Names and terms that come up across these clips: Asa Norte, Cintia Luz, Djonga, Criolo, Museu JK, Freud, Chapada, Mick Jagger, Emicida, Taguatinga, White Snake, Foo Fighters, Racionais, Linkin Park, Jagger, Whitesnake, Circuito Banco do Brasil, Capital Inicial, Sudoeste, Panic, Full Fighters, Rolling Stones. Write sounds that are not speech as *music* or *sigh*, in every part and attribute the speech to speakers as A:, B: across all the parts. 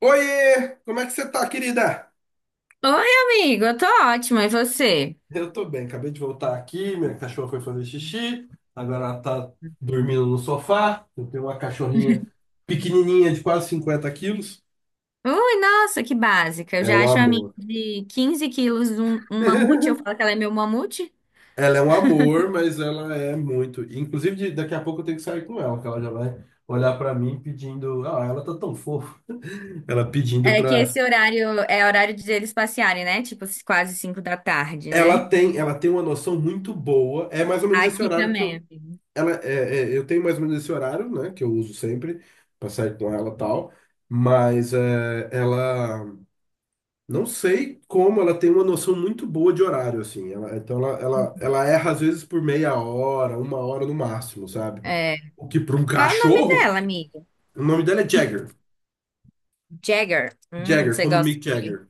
A: Oiê! Como é que você tá, querida?
B: Oi, amigo, eu tô ótima, e você?
A: Eu tô bem, acabei de voltar aqui, minha cachorra foi fazer xixi, agora ela tá dormindo no sofá. Eu tenho uma cachorrinha pequenininha de quase 50 quilos.
B: Ui, nossa, que básica. Eu
A: É
B: já
A: um
B: acho a minha
A: amor.
B: de 15 quilos um mamute, eu
A: *laughs*
B: falo que ela é meu mamute.
A: Ela é um amor, mas ela é muito. Inclusive, daqui a pouco eu tenho que sair com ela, que ela já vai olhar pra mim pedindo. Ah, ela tá tão fofa. Ela pedindo
B: É que
A: pra.
B: esse horário é horário de eles passearem, né? Tipo, quase 5 da tarde, né?
A: Ela tem uma noção muito boa. É mais ou menos esse
B: Aqui
A: horário que
B: também,
A: eu
B: amigo.
A: ela eu tenho mais ou menos esse horário, né, que eu uso sempre para sair com ela e tal, mas ela não sei como ela tem uma noção muito boa de horário assim. Então ela erra às vezes por meia hora, uma hora no máximo, sabe?
B: É.
A: O que para um
B: Qual é o nome
A: cachorro,
B: dela, amigo?
A: o nome dela é Jagger.
B: Jagger.
A: Jagger, como Mick Jagger.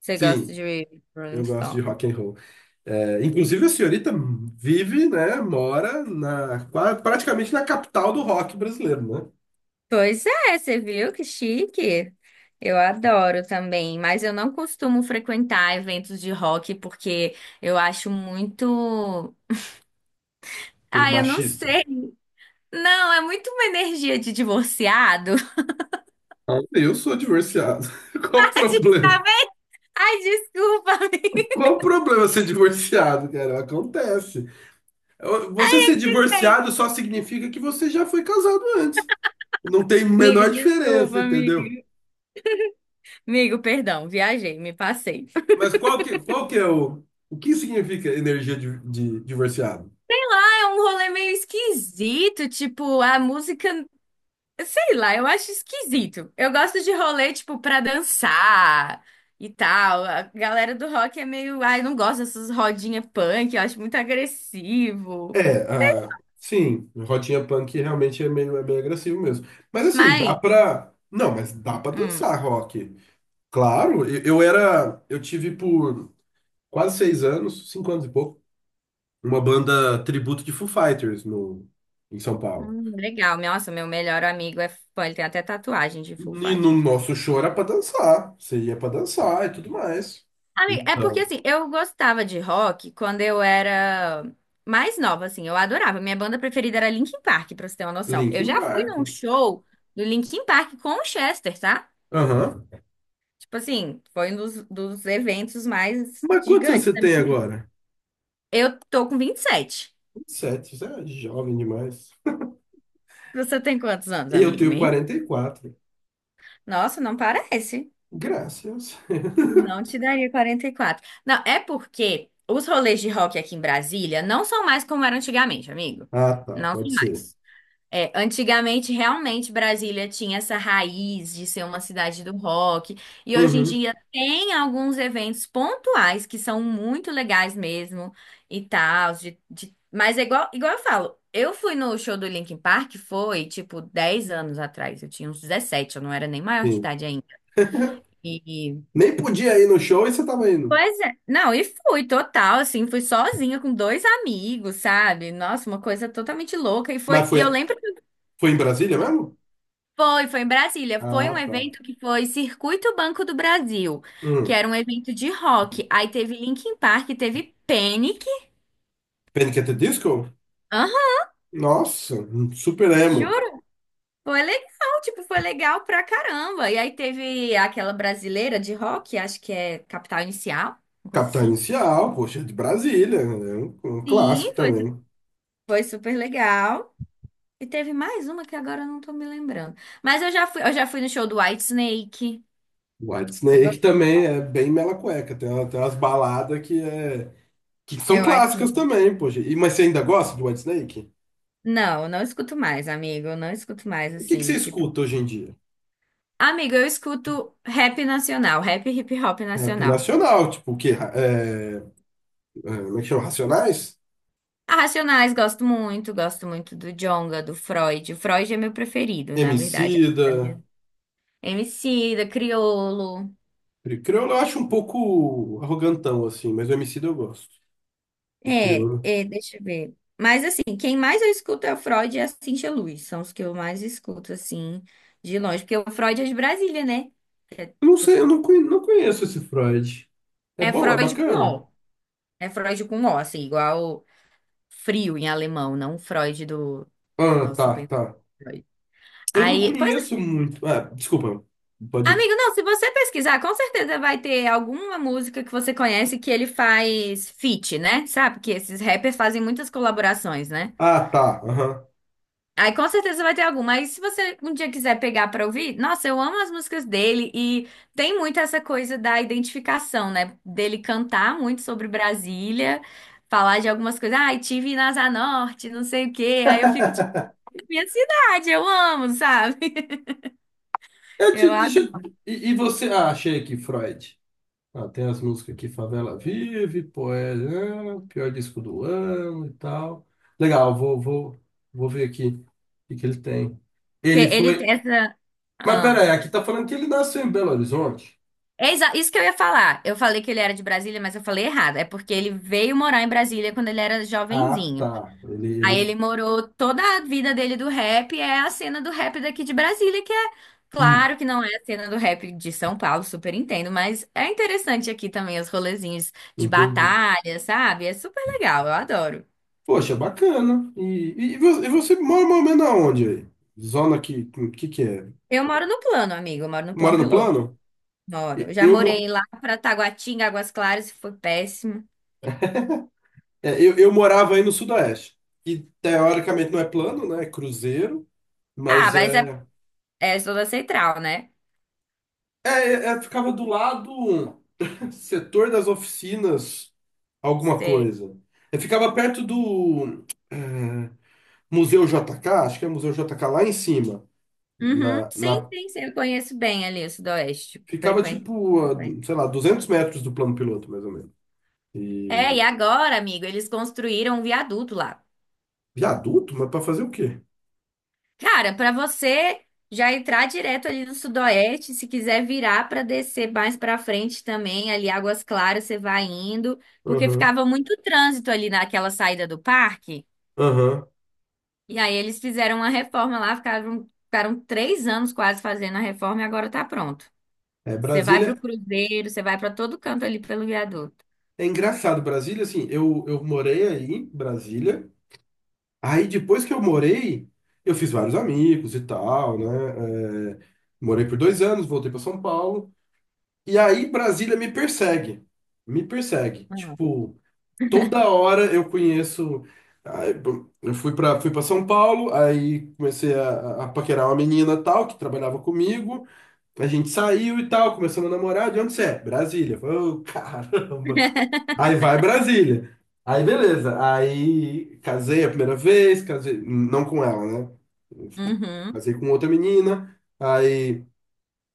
B: Você gosta
A: Sim,
B: de Rolling
A: eu gosto de
B: Stones.
A: rock and roll. É, inclusive a senhorita vive, né, mora praticamente na capital do rock brasileiro, né?
B: Pois é, você viu que chique? Eu adoro também, mas eu não costumo frequentar eventos de rock porque eu acho muito.
A: Que é
B: Ai, eu não
A: machista.
B: sei. Não, é muito uma energia de divorciado. *laughs*
A: Eu sou divorciado. *laughs* Qual o
B: Ai,
A: problema?
B: tá vendo? Ai, desculpa, *laughs* amigo.
A: Qual o problema ser divorciado, cara? Acontece. Você ser divorciado só significa que você já foi casado antes. Não tem
B: Amigo,
A: menor diferença,
B: desculpa,
A: entendeu?
B: amigo. Amigo, perdão, viajei, me passei.
A: Mas qual que é o... O que significa energia de divorciado?
B: É um rolê meio esquisito, tipo, a música. Sei lá, eu acho esquisito. Eu gosto de rolê, tipo, pra dançar e tal. A galera do rock é meio. Ai, não gosto dessas rodinhas punk, eu acho muito agressivo.
A: É, ah, sim, Rotinha Punk realmente é meio agressivo mesmo. Mas assim, dá
B: Mas,
A: pra... Não, mas dá pra
B: hum,
A: dançar rock. Claro, eu era... Eu tive por quase 6 anos, 5 anos e pouco, uma banda tributo de Foo Fighters no, em São Paulo.
B: legal. Nossa, meu melhor amigo é fã, ele tem até tatuagem de Full
A: E no
B: Fighters.
A: nosso show era pra dançar. Você ia pra dançar e tudo mais.
B: Amiga, é porque,
A: Então,
B: assim, eu gostava de rock quando eu era mais nova, assim. Eu adorava. Minha banda preferida era Linkin Park, pra você ter uma noção. Eu
A: Linkin
B: já fui
A: Park.
B: num show do Linkin Park com o Chester, tá?
A: Aham.
B: Tipo assim, foi um dos eventos mais
A: Mas quantos anos
B: gigantes
A: você
B: da minha
A: tem
B: vida.
A: agora?
B: Eu tô com 27.
A: 27 você é jovem demais.
B: Você tem quantos anos,
A: Eu
B: amigo
A: tenho
B: meu?
A: 44.
B: Nossa, não parece.
A: Graças. *laughs*
B: Não te daria 44. Não, é porque os rolês de rock aqui em Brasília não são mais como eram antigamente, amigo.
A: Ah, tá,
B: Não são
A: pode ser.
B: mais. É, antigamente, realmente, Brasília tinha essa raiz de ser uma cidade do rock, e hoje em
A: Uhum,
B: dia tem alguns eventos pontuais que são muito legais mesmo e tal. Mas é igual eu falo, eu fui no show do Linkin Park, foi tipo 10 anos atrás, eu tinha uns 17. Eu não era nem maior de
A: sim.
B: idade ainda. E,
A: Nem podia ir no show e você tava indo.
B: pois é, não, e fui total, assim, fui sozinha com dois amigos, sabe? Nossa, uma coisa totalmente louca. E
A: Mas
B: foi, e
A: foi,
B: eu lembro.
A: foi em Brasília mesmo?
B: Foi em Brasília. Foi um
A: Ah, tá.
B: evento que foi Circuito Banco do Brasil, que
A: Hum.
B: era um evento de rock. Aí teve Linkin Park, teve Panic.
A: Panic! At the Disco?
B: Aham,
A: Nossa, super emo.
B: juro. Foi legal, tipo, foi legal pra caramba. E aí teve aquela brasileira de rock, acho que é Capital Inicial, uma coisa
A: Capital
B: assim.
A: Inicial, poxa, é de Brasília, é um clássico
B: Sim, foi,
A: também.
B: foi super legal. E teve mais uma que agora eu não tô me lembrando. Mas eu já fui no show do Whitesnake.
A: White
B: Você
A: Snake
B: gosta?
A: também é bem mela cueca, tem, tem umas baladas que são
B: É o
A: clássicas
B: Whitesnake.
A: também, poxa. E, mas você ainda gosta de White Snake?
B: Não, eu não escuto mais, amigo. Eu não escuto mais,
A: O que, que você
B: assim, tipo.
A: escuta hoje em dia?
B: Amigo, eu escuto rap nacional, rap e hip hop
A: Rap
B: nacional.
A: nacional, tipo o quê? Como é que chama? Racionais?
B: A Racionais gosto muito do Djonga, do Freud. O Freud é meu preferido, na verdade. Da
A: Emicida,
B: minha- MC, Criolo.
A: Criolo eu acho um pouco arrogantão, assim, mas o Emicida eu gosto. O
B: É,
A: Criolo.
B: é, deixa eu ver. Mas assim, quem mais eu escuto é o Freud e a Cintia Luz. São os que eu mais escuto, assim, de longe. Porque o Freud é de Brasília, né? É,
A: Eu não
B: tipo
A: sei, eu
B: assim,
A: não, não conheço esse Freud. É
B: é
A: bom, é
B: Freud com
A: bacana?
B: O. É Freud com O, assim, igual frio em alemão, não Freud do
A: Ah,
B: nosso
A: tá,
B: pensamento.
A: tá. Eu não
B: Aí, pois, é.
A: conheço muito. Ah, desculpa, pode ir.
B: Amigo, não, se você pesquisar, com certeza vai ter alguma música que você conhece que ele faz feat, né? Sabe que esses rappers fazem muitas colaborações, né?
A: Ah, tá. Aham.
B: Aí com certeza vai ter alguma. Aí se você um dia quiser pegar pra ouvir, nossa, eu amo as músicas dele e tem muito essa coisa da identificação, né? Dele cantar muito sobre Brasília, falar de algumas coisas, ai, tive na Asa Norte, não sei o quê. Aí eu fico tipo, minha cidade, eu amo, sabe? *laughs*
A: Eu
B: Eu
A: te, deixa, eu-
B: adoro.
A: e você. Ah, achei aqui, Freud. Ah, tem as músicas aqui, Favela Vive, Poeira, ah, pior disco do ano e tal. Legal, vou ver aqui o que, que ele tem. Ele
B: Ele
A: foi.
B: tem essa.
A: Mas
B: Ah.
A: pera aí, aqui tá falando que ele nasceu em Belo Horizonte.
B: É isso que eu ia falar. Eu falei que ele era de Brasília, mas eu falei errado. É porque ele veio morar em Brasília quando ele era
A: Ah,
B: jovenzinho.
A: tá. Ele,
B: Aí ele
A: ele...
B: morou toda a vida dele do rap, é a cena do rap daqui de Brasília, que é
A: Hum,
B: claro que não é a cena do rap de São Paulo, super entendo, mas é interessante aqui também os rolezinhos de
A: entendi.
B: batalha, sabe? É super legal, eu adoro.
A: Poxa, bacana. E, e você mora mais ou menos aonde aí? Zona que é?
B: Eu moro no plano, amigo, eu moro no
A: Mora
B: plano
A: no
B: piloto.
A: plano?
B: Moro. Eu já
A: Eu,
B: morei
A: mo-
B: lá pra Taguatinga, Águas Claras, e foi péssimo.
A: é, eu morava aí no Sudoeste. E teoricamente não é plano, né? É cruzeiro,
B: Ah,
A: mas
B: mas é,
A: é.
B: é zona central, né?
A: Ficava do lado *laughs* setor das oficinas, alguma
B: Sei.
A: coisa. Eu ficava perto do é, Museu JK, acho que é Museu JK lá em cima.
B: Uhum.
A: Na,
B: Sim,
A: na,
B: sim, sim, eu conheço bem ali o Sudoeste.
A: ficava
B: Frequente,
A: tipo,
B: frequente.
A: sei lá, 200 metros do plano piloto, mais ou menos.
B: É,
A: E
B: e agora, amigo, eles construíram um viaduto lá.
A: viaduto, mas para fazer o quê?
B: Cara, pra você já entrar direto ali no Sudoeste, se quiser virar pra descer mais pra frente também, ali Águas Claras, você vai indo, porque
A: Aham,
B: ficava muito trânsito ali naquela saída do parque.
A: aham.
B: E aí eles fizeram uma reforma lá, ficaram 3 anos quase fazendo a reforma e agora tá pronto.
A: É,
B: Você vai pro
A: Brasília.
B: Cruzeiro, você vai pra todo canto ali pelo viaduto.
A: É engraçado, Brasília, assim, eu morei aí, em Brasília. Aí depois que eu morei, eu fiz vários amigos e tal, né? É, morei por 2 anos, voltei para São Paulo. E aí Brasília me persegue. Me persegue. Tipo, toda hora eu conheço. Aí, bom, eu fui para São Paulo, aí comecei a paquerar uma menina tal, que trabalhava comigo. A gente saiu e tal, começamos a namorar. De onde você é? Brasília. Eu falei: "Ô, *laughs* caramba. Aí vai Brasília." Aí beleza. Aí casei a primeira vez, casei, não com ela, né?
B: Uhum.
A: Casei com outra menina, aí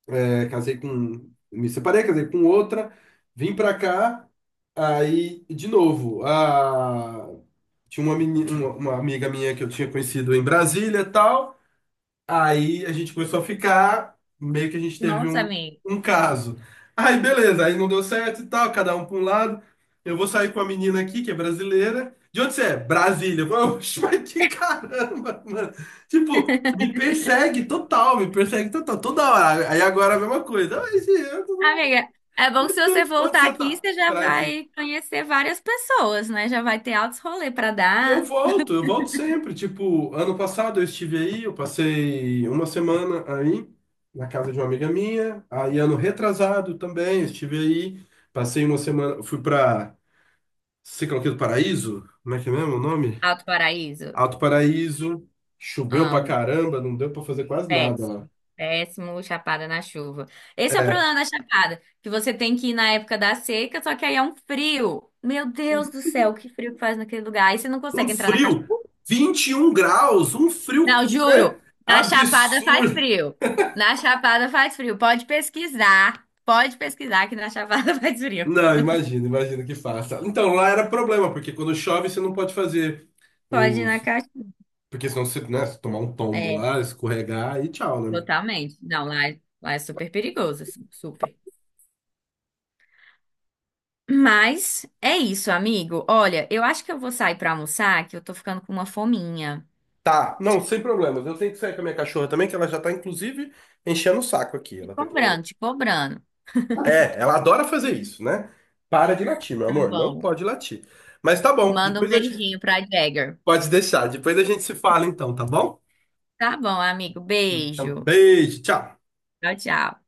A: casei com. Me separei, casei com outra, vim pra cá, aí de novo. A, tinha uma, uma amiga minha que eu tinha conhecido em Brasília e tal. Aí a gente começou a ficar, meio que a gente teve
B: Nossa, amiga.
A: um caso. Aí beleza, aí não deu certo e tal, cada um para um lado. Eu vou sair com a menina aqui, que é brasileira. De onde você é? Brasília. Eu falei: Oxe, mas que caramba, mano. Tipo, me persegue total, toda hora. Aí agora a mesma coisa. Ai, gente,
B: Amiga, é bom que se você
A: Onde
B: voltar
A: você
B: aqui,
A: tá?
B: você já
A: Brasília.
B: vai conhecer várias pessoas, né? Já vai ter altos rolê pra
A: E
B: dar.
A: eu volto sempre. Tipo, ano passado eu estive aí, eu passei uma semana aí, na casa de uma amiga minha. Aí, ano retrasado também, eu estive aí, passei uma semana, fui pra Ciclo aqui do Paraíso, como é que é mesmo o nome?
B: Alto Paraíso,
A: Alto Paraíso, choveu pra
B: amo.
A: caramba, não deu pra fazer quase nada lá.
B: Péssimo. Péssimo, Chapada na chuva. Esse é o
A: É,
B: problema da Chapada, que você tem que ir na época da seca, só que aí é um frio. Meu Deus do céu, que frio que faz naquele lugar. Aí você não
A: um
B: consegue entrar na
A: frio,
B: cachoeira.
A: 21 graus, um frio,
B: Não,
A: né?
B: juro, na Chapada faz
A: Absurdo.
B: frio. Na Chapada faz frio. Pode pesquisar. Pode pesquisar que na Chapada *laughs* faz frio.
A: Não, imagino, imagino que faça. Então, lá era problema, porque quando chove você não pode fazer
B: Pode ir na
A: os.
B: caixa.
A: Porque senão você, né, se tomar um tombo
B: É,
A: lá, escorregar e tchau, né?
B: totalmente. Não, lá, lá é super perigoso, assim, super. Mas é isso, amigo. Olha, eu acho que eu vou sair pra almoçar, que eu tô ficando com uma fominha.
A: Tá, não, sem problemas. Eu tenho que sair com a minha cachorra também, que ela já tá, inclusive, enchendo o saco aqui.
B: Te
A: Ela tá querendo.
B: cobrando, te cobrando.
A: É, ela adora fazer isso, né? Para de latir, meu
B: Tá
A: amor. Não
B: bom.
A: pode latir. Mas tá bom,
B: Manda um
A: depois a gente.
B: beijinho pra Jagger.
A: Pode deixar, depois a gente se fala então, tá bom?
B: Tá bom, amigo.
A: Então,
B: Beijo.
A: beijo, tchau.
B: Tchau, tchau.